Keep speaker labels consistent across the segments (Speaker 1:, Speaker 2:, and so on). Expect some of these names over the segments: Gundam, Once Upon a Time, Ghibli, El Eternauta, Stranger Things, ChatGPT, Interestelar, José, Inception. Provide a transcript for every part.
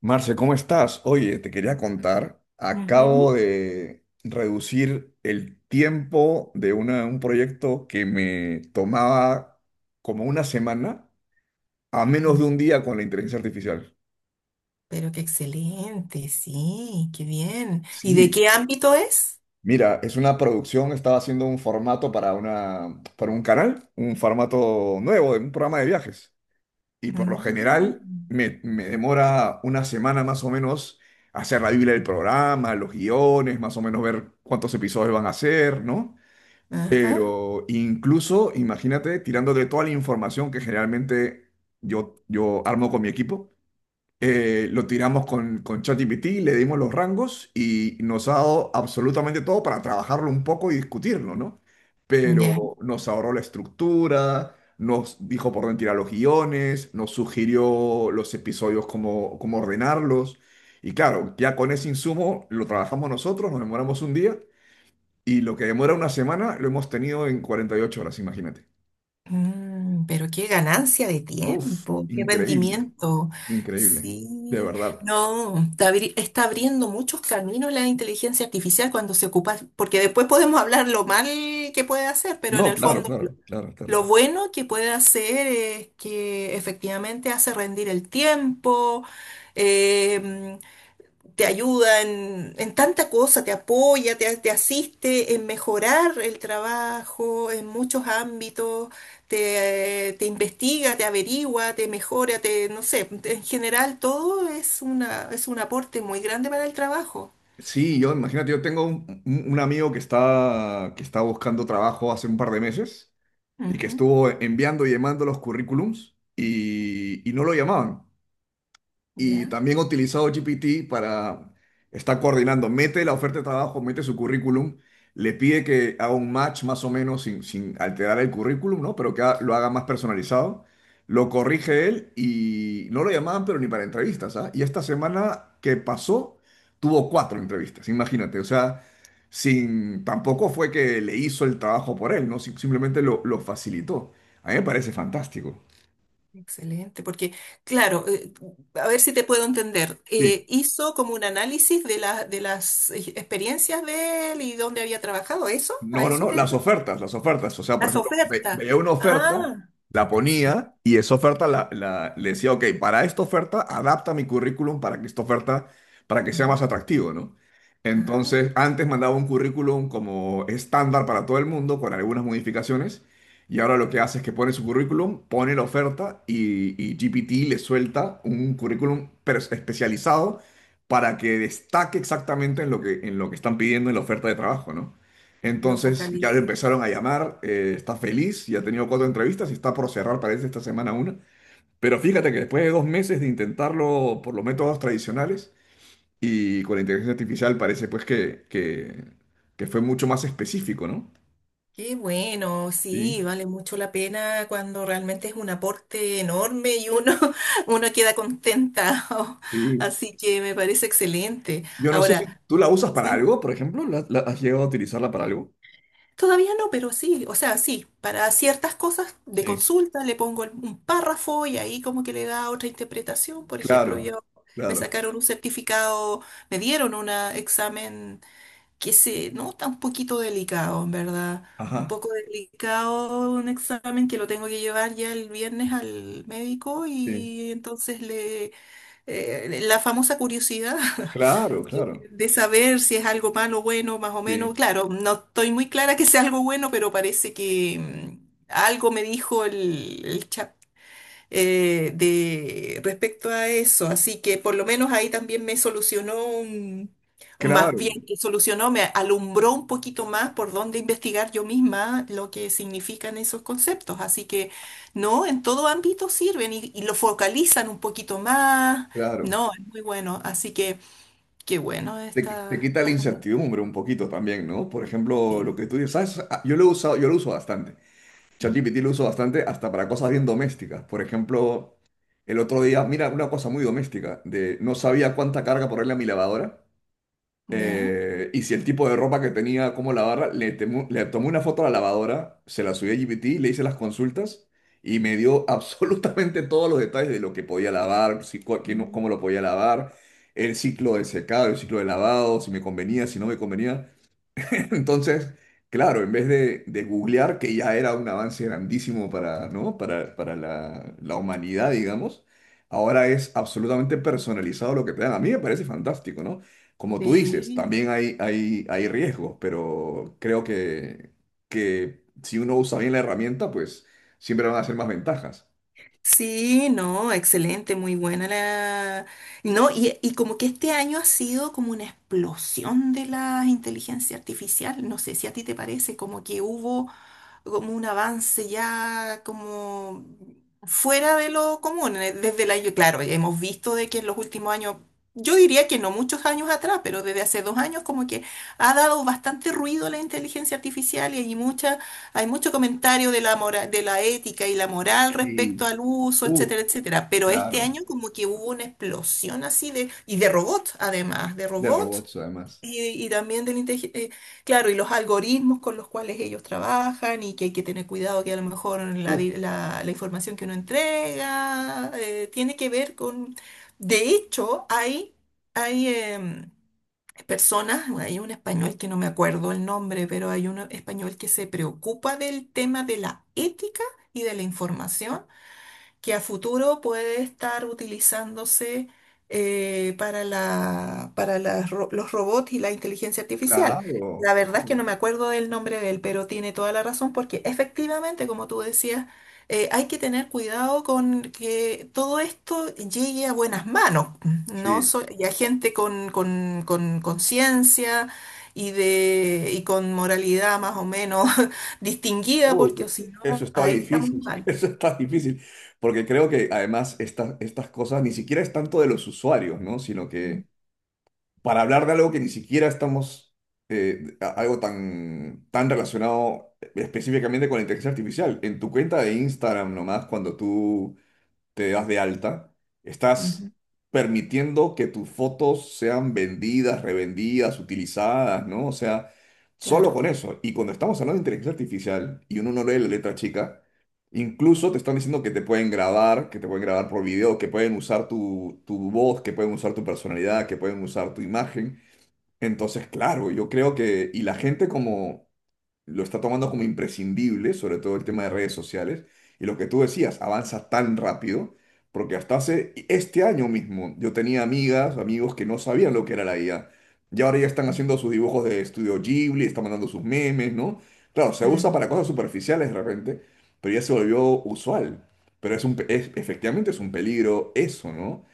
Speaker 1: Marce, ¿cómo estás? Oye, te quería contar, acabo
Speaker 2: Ujú.
Speaker 1: de reducir el tiempo de un proyecto que me tomaba como una semana a menos
Speaker 2: Mm,
Speaker 1: de un día con la inteligencia artificial.
Speaker 2: pero qué excelente, sí, qué bien. ¿Y de
Speaker 1: Sí,
Speaker 2: qué ámbito es?
Speaker 1: mira, es una producción, estaba haciendo un formato para para un canal, un formato nuevo, de un programa de viajes. Y por lo general
Speaker 2: Mm,
Speaker 1: me demora una semana más o menos hacer la Biblia del programa, los guiones, más o menos ver cuántos episodios van a hacer, ¿no?
Speaker 2: ajá,
Speaker 1: Pero incluso, imagínate, tirando de toda la información que generalmente yo armo con mi equipo, lo tiramos con ChatGPT, le dimos los rangos y nos ha dado absolutamente todo para trabajarlo un poco y discutirlo, ¿no?
Speaker 2: ya.
Speaker 1: Pero nos ahorró la estructura, nos dijo por dónde tirar los guiones, nos sugirió los episodios, cómo ordenarlos. Y claro, ya con ese insumo lo trabajamos nosotros, nos demoramos un día y lo que demora una semana lo hemos tenido en 48 horas, imagínate.
Speaker 2: Mm, pero qué ganancia de
Speaker 1: Uf,
Speaker 2: tiempo, qué
Speaker 1: increíble,
Speaker 2: rendimiento.
Speaker 1: increíble, de
Speaker 2: Sí,
Speaker 1: verdad.
Speaker 2: no, está, está abriendo muchos caminos la inteligencia artificial cuando se ocupa, porque después podemos hablar lo mal que puede hacer, pero en
Speaker 1: No,
Speaker 2: el
Speaker 1: claro,
Speaker 2: fondo
Speaker 1: claro, claro, claro,
Speaker 2: lo
Speaker 1: claro.
Speaker 2: bueno que puede hacer es que efectivamente hace rendir el tiempo. em, Te ayuda en tanta cosa, te apoya, te asiste en mejorar el trabajo en muchos ámbitos, te investiga, te averigua, te mejora, te, no sé, en general todo es una, es un aporte muy grande para el trabajo.
Speaker 1: Sí, yo imagínate, yo tengo un amigo que está buscando trabajo hace un par de meses y que
Speaker 2: Ujú.
Speaker 1: estuvo enviando y llamando los currículums y no lo llamaban y
Speaker 2: Ya,
Speaker 1: también he utilizado GPT para estar coordinando. Mete la oferta de trabajo, mete su currículum, le pide que haga un match más o menos sin alterar el currículum, ¿no? Pero que lo haga más personalizado. Lo corrige él y no lo llamaban, pero ni para entrevistas, ¿ah? Y esta semana que pasó, tuvo cuatro entrevistas, imagínate. O sea, sin, tampoco fue que le hizo el trabajo por él, ¿no? Simplemente lo facilitó. A mí me parece fantástico.
Speaker 2: excelente, porque claro, a ver si te puedo entender,
Speaker 1: Sí.
Speaker 2: hizo como un análisis de, de las experiencias de él y dónde había trabajado, ¿eso? ¿A
Speaker 1: No, no,
Speaker 2: eso
Speaker 1: no,
Speaker 2: te...
Speaker 1: las ofertas, las ofertas. O sea, por
Speaker 2: Las
Speaker 1: ejemplo,
Speaker 2: ofertas.
Speaker 1: veía una oferta,
Speaker 2: Ah,
Speaker 1: la
Speaker 2: sí.
Speaker 1: ponía y esa oferta le decía, ok, para esta oferta adapta mi currículum para que esta oferta, para que sea
Speaker 2: Ajá.
Speaker 1: más atractivo, ¿no?
Speaker 2: Ah,
Speaker 1: Entonces, antes mandaba un currículum como estándar para todo el mundo con algunas modificaciones y ahora lo que hace es que pone su currículum, pone la oferta y GPT le suelta un currículum especializado para que destaque exactamente en lo que están pidiendo en la oferta de trabajo, ¿no?
Speaker 2: lo
Speaker 1: Entonces ya le
Speaker 2: focaliza.
Speaker 1: empezaron a llamar, está feliz, ya ha tenido cuatro entrevistas y está por cerrar, parece, esta semana una. Pero fíjate que después de dos meses de intentarlo por los métodos tradicionales y con la inteligencia artificial parece pues que fue mucho más específico, ¿no?
Speaker 2: Qué bueno, sí,
Speaker 1: Sí,
Speaker 2: vale mucho la pena cuando realmente es un aporte enorme y uno, uno queda contenta.
Speaker 1: sí.
Speaker 2: Así que me parece excelente.
Speaker 1: Yo no sé si
Speaker 2: Ahora,
Speaker 1: tú la usas para
Speaker 2: sí,
Speaker 1: algo, por ejemplo, has llegado a utilizarla para algo?
Speaker 2: todavía no, pero sí, o sea, sí, para ciertas cosas de
Speaker 1: Sí,
Speaker 2: consulta le pongo un párrafo y ahí como que le da otra interpretación. Por ejemplo,
Speaker 1: claro,
Speaker 2: yo me
Speaker 1: claro.
Speaker 2: sacaron un certificado, me dieron un examen que se nota un poquito delicado, en verdad. Un
Speaker 1: Ajá,
Speaker 2: poco delicado un examen que lo tengo que llevar ya el viernes al médico
Speaker 1: sí.
Speaker 2: y entonces le la famosa curiosidad
Speaker 1: Claro, claro.
Speaker 2: de saber si es algo malo, bueno, más o menos.
Speaker 1: Sí,
Speaker 2: Claro, no estoy muy clara que sea algo bueno, pero parece que algo me dijo el chat respecto a eso. Así que por lo menos ahí también me solucionó más bien
Speaker 1: claro,
Speaker 2: que solucionó, me alumbró un poquito más por dónde investigar yo misma lo que significan esos conceptos. Así que no, en todo ámbito sirven y lo focalizan un poquito más.
Speaker 1: claro.
Speaker 2: No, es muy bueno. Así que qué bueno
Speaker 1: Te, te quita la incertidumbre un poquito también, ¿no? Por ejemplo, lo
Speaker 2: Sí.
Speaker 1: que tú dices, ¿sabes? Ah, yo lo he usado, yo lo uso bastante. ChatGPT lo uso bastante hasta para cosas bien domésticas. Por ejemplo, el otro día, mira, una cosa muy doméstica, de no sabía cuánta carga ponerle a mi lavadora
Speaker 2: ¿Ya?
Speaker 1: y si el tipo de ropa que tenía, cómo lavarla, le tomé una foto a la lavadora, se la subí a GPT, le hice las consultas y me dio absolutamente todos los detalles de lo que podía lavar, si, cu- qué no- cómo lo podía lavar, el ciclo de secado, el ciclo de lavado, si me convenía, si no me convenía. Entonces, claro, en vez de googlear, que ya era un avance grandísimo para, ¿no? Para la humanidad, digamos, ahora es absolutamente personalizado lo que te dan. A mí me parece fantástico, ¿no? Como tú dices,
Speaker 2: Sí.
Speaker 1: también hay riesgos, pero creo que si uno usa bien la herramienta, pues siempre van a ser más ventajas.
Speaker 2: Sí, no, excelente, muy buena Y no, y como que este año ha sido como una explosión de la inteligencia artificial, no sé si a ti te parece, como que hubo como un avance ya como fuera de lo común. Desde el año, claro, hemos visto de que en los últimos años, yo diría que no muchos años atrás, pero desde hace dos años como que ha dado bastante ruido la inteligencia artificial y hay mucha, hay mucho comentario de la de la ética y la moral
Speaker 1: Sí,
Speaker 2: respecto al uso,
Speaker 1: uff,
Speaker 2: etcétera, etcétera. Pero este
Speaker 1: claro,
Speaker 2: año como que hubo una explosión así de, y de robots, además, de
Speaker 1: de
Speaker 2: robots
Speaker 1: robots además.
Speaker 2: y también del claro, y los algoritmos con los cuales ellos trabajan y que hay que tener cuidado que a lo mejor la,
Speaker 1: Uf,
Speaker 2: la información que uno entrega tiene que ver con... De hecho, hay personas, hay un español que no me acuerdo el nombre, pero hay un español que se preocupa del tema de la ética y de la información que a futuro puede estar utilizándose para la, para las los robots y la inteligencia artificial.
Speaker 1: claro,
Speaker 2: La verdad es que
Speaker 1: claro.
Speaker 2: no me acuerdo del nombre de él, pero tiene toda la razón porque efectivamente, como tú decías, hay que tener cuidado con que todo esto llegue a buenas manos, ¿no?
Speaker 1: Sí,
Speaker 2: Y a gente con conciencia y, de, y con moralidad más o menos distinguida,
Speaker 1: uh,
Speaker 2: porque o si
Speaker 1: eso
Speaker 2: no,
Speaker 1: está
Speaker 2: ahí estamos
Speaker 1: difícil,
Speaker 2: mal.
Speaker 1: eso está difícil, porque creo que además estas cosas ni siquiera es tanto de los usuarios, ¿no? Sino
Speaker 2: Mm.
Speaker 1: que para hablar de algo que ni siquiera estamos, algo tan, tan relacionado específicamente con la inteligencia artificial, en tu cuenta de Instagram nomás, cuando tú te das de alta, estás permitiendo que tus fotos sean vendidas, revendidas, utilizadas, ¿no? O sea, solo
Speaker 2: Claro.
Speaker 1: con eso. Y cuando estamos hablando de inteligencia artificial y uno no lee la letra chica, incluso te están diciendo que te pueden grabar, que te pueden grabar por video, que pueden usar tu voz, que pueden usar tu personalidad, que pueden usar tu imagen. Entonces, claro, yo creo que, y la gente como lo está tomando como imprescindible, sobre todo el tema de redes sociales, y lo que tú decías, avanza tan rápido, porque hasta hace este año mismo yo tenía amigas, amigos que no sabían lo que era la IA, y ahora ya están haciendo sus dibujos de estudio Ghibli, están mandando sus memes, ¿no? Claro, se usa
Speaker 2: Mm,
Speaker 1: para cosas superficiales de repente, pero ya se volvió usual, pero es efectivamente es un peligro eso, ¿no?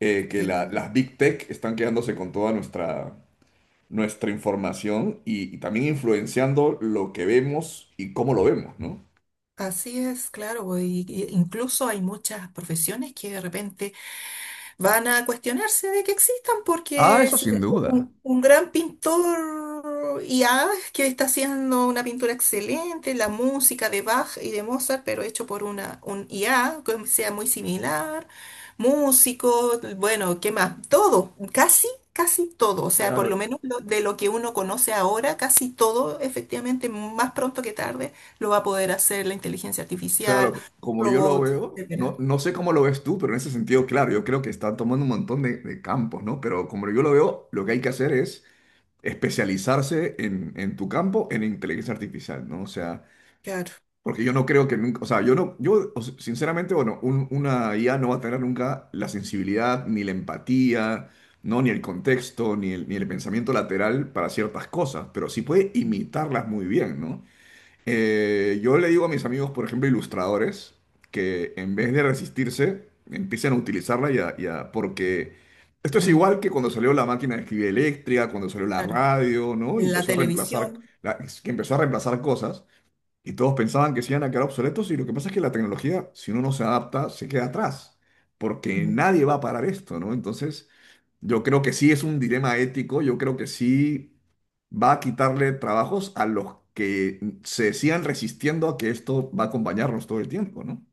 Speaker 1: Que
Speaker 2: sí,
Speaker 1: las big tech están quedándose con toda nuestra, nuestra información y también influenciando lo que vemos y cómo lo vemos, ¿no?
Speaker 2: así es, claro, y incluso hay muchas profesiones que de repente van a cuestionarse de que existan,
Speaker 1: Ah,
Speaker 2: porque
Speaker 1: eso
Speaker 2: si
Speaker 1: sin duda.
Speaker 2: un, un gran pintor y ah, que está haciendo una pintura excelente, la música de Bach y de Mozart, pero hecho por una, un IA que sea muy similar, músico, bueno, ¿qué más? Todo, casi, casi todo, o sea, por
Speaker 1: Claro,
Speaker 2: lo menos de lo que uno conoce ahora, casi todo, efectivamente, más pronto que tarde, lo va a poder hacer la inteligencia artificial,
Speaker 1: claro, como yo lo
Speaker 2: robots,
Speaker 1: veo, no,
Speaker 2: etcétera.
Speaker 1: no sé cómo lo ves tú, pero en ese sentido, claro, yo creo que están tomando un montón de campos, ¿no? Pero como yo lo veo, lo que hay que hacer es especializarse en tu campo, en inteligencia artificial, ¿no? O sea,
Speaker 2: Claro.
Speaker 1: porque yo no creo que nunca, o sea, yo no, yo o sea, sinceramente, bueno, una IA no va a tener nunca la sensibilidad, ni la empatía, ¿no? Ni el contexto, ni el pensamiento lateral para ciertas cosas, pero sí puede
Speaker 2: Mm,
Speaker 1: imitarlas muy bien, ¿no? Yo le digo a mis amigos, por ejemplo, ilustradores, que en vez de resistirse, empiecen a utilizarla ya, ya, porque esto es
Speaker 2: mm,
Speaker 1: igual que cuando salió la máquina de escribir eléctrica, cuando salió la
Speaker 2: claro.
Speaker 1: radio, ¿no? Y
Speaker 2: La
Speaker 1: empezó a reemplazar,
Speaker 2: televisión.
Speaker 1: que empezó a reemplazar cosas. Y todos pensaban que se iban a quedar obsoletos y lo que pasa es que la tecnología, si uno no se adapta, se queda atrás, porque nadie va a parar esto, ¿no? Entonces, yo creo que sí es un dilema ético, yo creo que sí va a quitarle trabajos a los que se sigan resistiendo a que esto va a acompañarnos todo el tiempo, ¿no?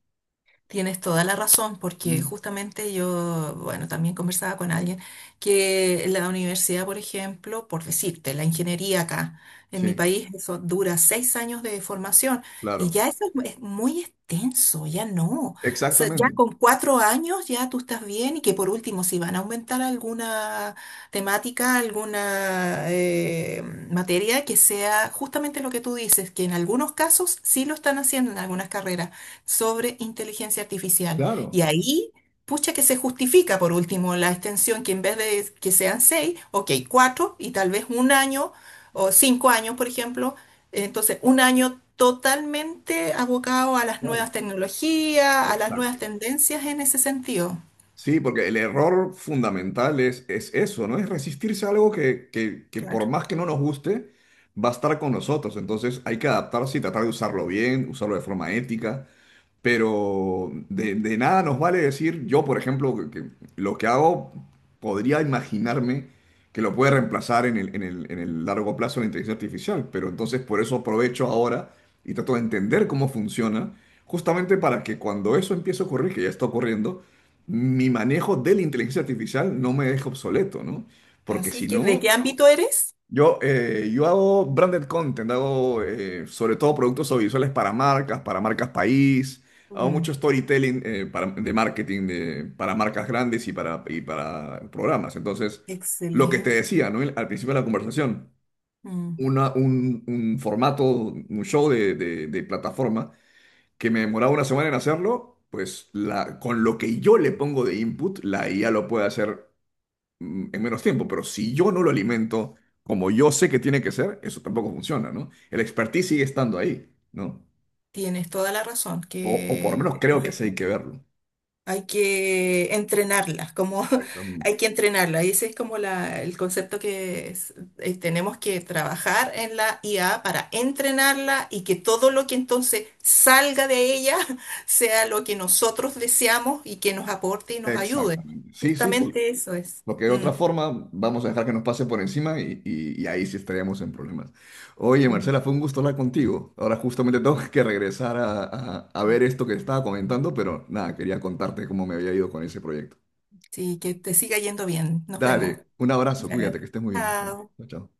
Speaker 2: Tienes toda la razón, porque
Speaker 1: Mm,
Speaker 2: justamente yo, bueno, también conversaba con alguien que la universidad, por ejemplo, por decirte, la ingeniería acá en mi
Speaker 1: sí,
Speaker 2: país, eso dura seis años de formación y
Speaker 1: claro.
Speaker 2: ya eso es es muy extenso, ya no. O sea, ya
Speaker 1: Exactamente.
Speaker 2: con cuatro años ya tú estás bien y que por último, si van a aumentar alguna temática, alguna materia que sea justamente lo que tú dices, que en algunos casos sí lo están haciendo en algunas carreras sobre inteligencia artificial.
Speaker 1: Claro,
Speaker 2: Y ahí, pucha que se justifica por último la extensión, que en vez de que sean seis, ok, cuatro y tal vez un año o cinco años, por ejemplo. Entonces, un año totalmente abocado a las
Speaker 1: claro.
Speaker 2: nuevas tecnologías, a las nuevas
Speaker 1: Exacto.
Speaker 2: tendencias en ese sentido.
Speaker 1: Sí, porque el error fundamental es eso, ¿no? Es resistirse a algo que por
Speaker 2: Claro.
Speaker 1: más que no nos guste, va a estar con nosotros. Entonces hay que adaptarse y tratar de usarlo bien, usarlo de forma ética, pero de nada nos vale decir, yo por ejemplo, que lo que hago podría imaginarme que lo puede reemplazar en el, en el largo plazo la inteligencia artificial, pero entonces por eso aprovecho ahora y trato de entender cómo funciona, justamente para que cuando eso empiece a ocurrir, que ya está ocurriendo, mi manejo de la inteligencia artificial no me deje obsoleto, ¿no? Porque
Speaker 2: Así
Speaker 1: si
Speaker 2: que, ¿de
Speaker 1: no,
Speaker 2: qué ámbito eres?
Speaker 1: yo, yo hago branded content, hago sobre todo productos audiovisuales para marcas país, hago mucho
Speaker 2: Mm,
Speaker 1: storytelling de marketing para marcas grandes y para programas. Entonces, lo que te
Speaker 2: excelente.
Speaker 1: decía, ¿no? Al principio de la conversación,
Speaker 2: Mm,
Speaker 1: un formato, un show de, de plataforma que me demoraba una semana en hacerlo, pues la, con lo que yo le pongo de input, la IA lo puede hacer mm, en menos tiempo, pero si yo no lo alimento como yo sé que tiene que ser, eso tampoco funciona, ¿no? El expertise sigue estando ahí, ¿no?
Speaker 2: tienes toda la razón,
Speaker 1: O por lo menos
Speaker 2: que
Speaker 1: creo que sí hay que
Speaker 2: efectivamente.
Speaker 1: verlo.
Speaker 2: Hay que entrenarlas, como
Speaker 1: Exactamente.
Speaker 2: hay que entrenarla. Y ese es como la, el concepto que tenemos que trabajar en la IA para entrenarla y que todo lo que entonces salga de ella sea lo que nosotros deseamos y que nos aporte y nos ayude.
Speaker 1: Exactamente.
Speaker 2: Justamente eso es.
Speaker 1: Porque de
Speaker 2: Mm,
Speaker 1: otra forma vamos a dejar que nos pase por encima y, y ahí sí estaríamos en problemas. Oye,
Speaker 2: mm.
Speaker 1: Marcela, fue un gusto hablar contigo. Ahora justamente tengo que regresar a, a ver esto que estaba comentando, pero nada, quería contarte cómo me había ido con ese proyecto.
Speaker 2: Sí, que te siga yendo bien. Nos vemos.
Speaker 1: Dale, un abrazo,
Speaker 2: Ya.
Speaker 1: cuídate, que estés muy bien.
Speaker 2: Chao.
Speaker 1: Chao, chao.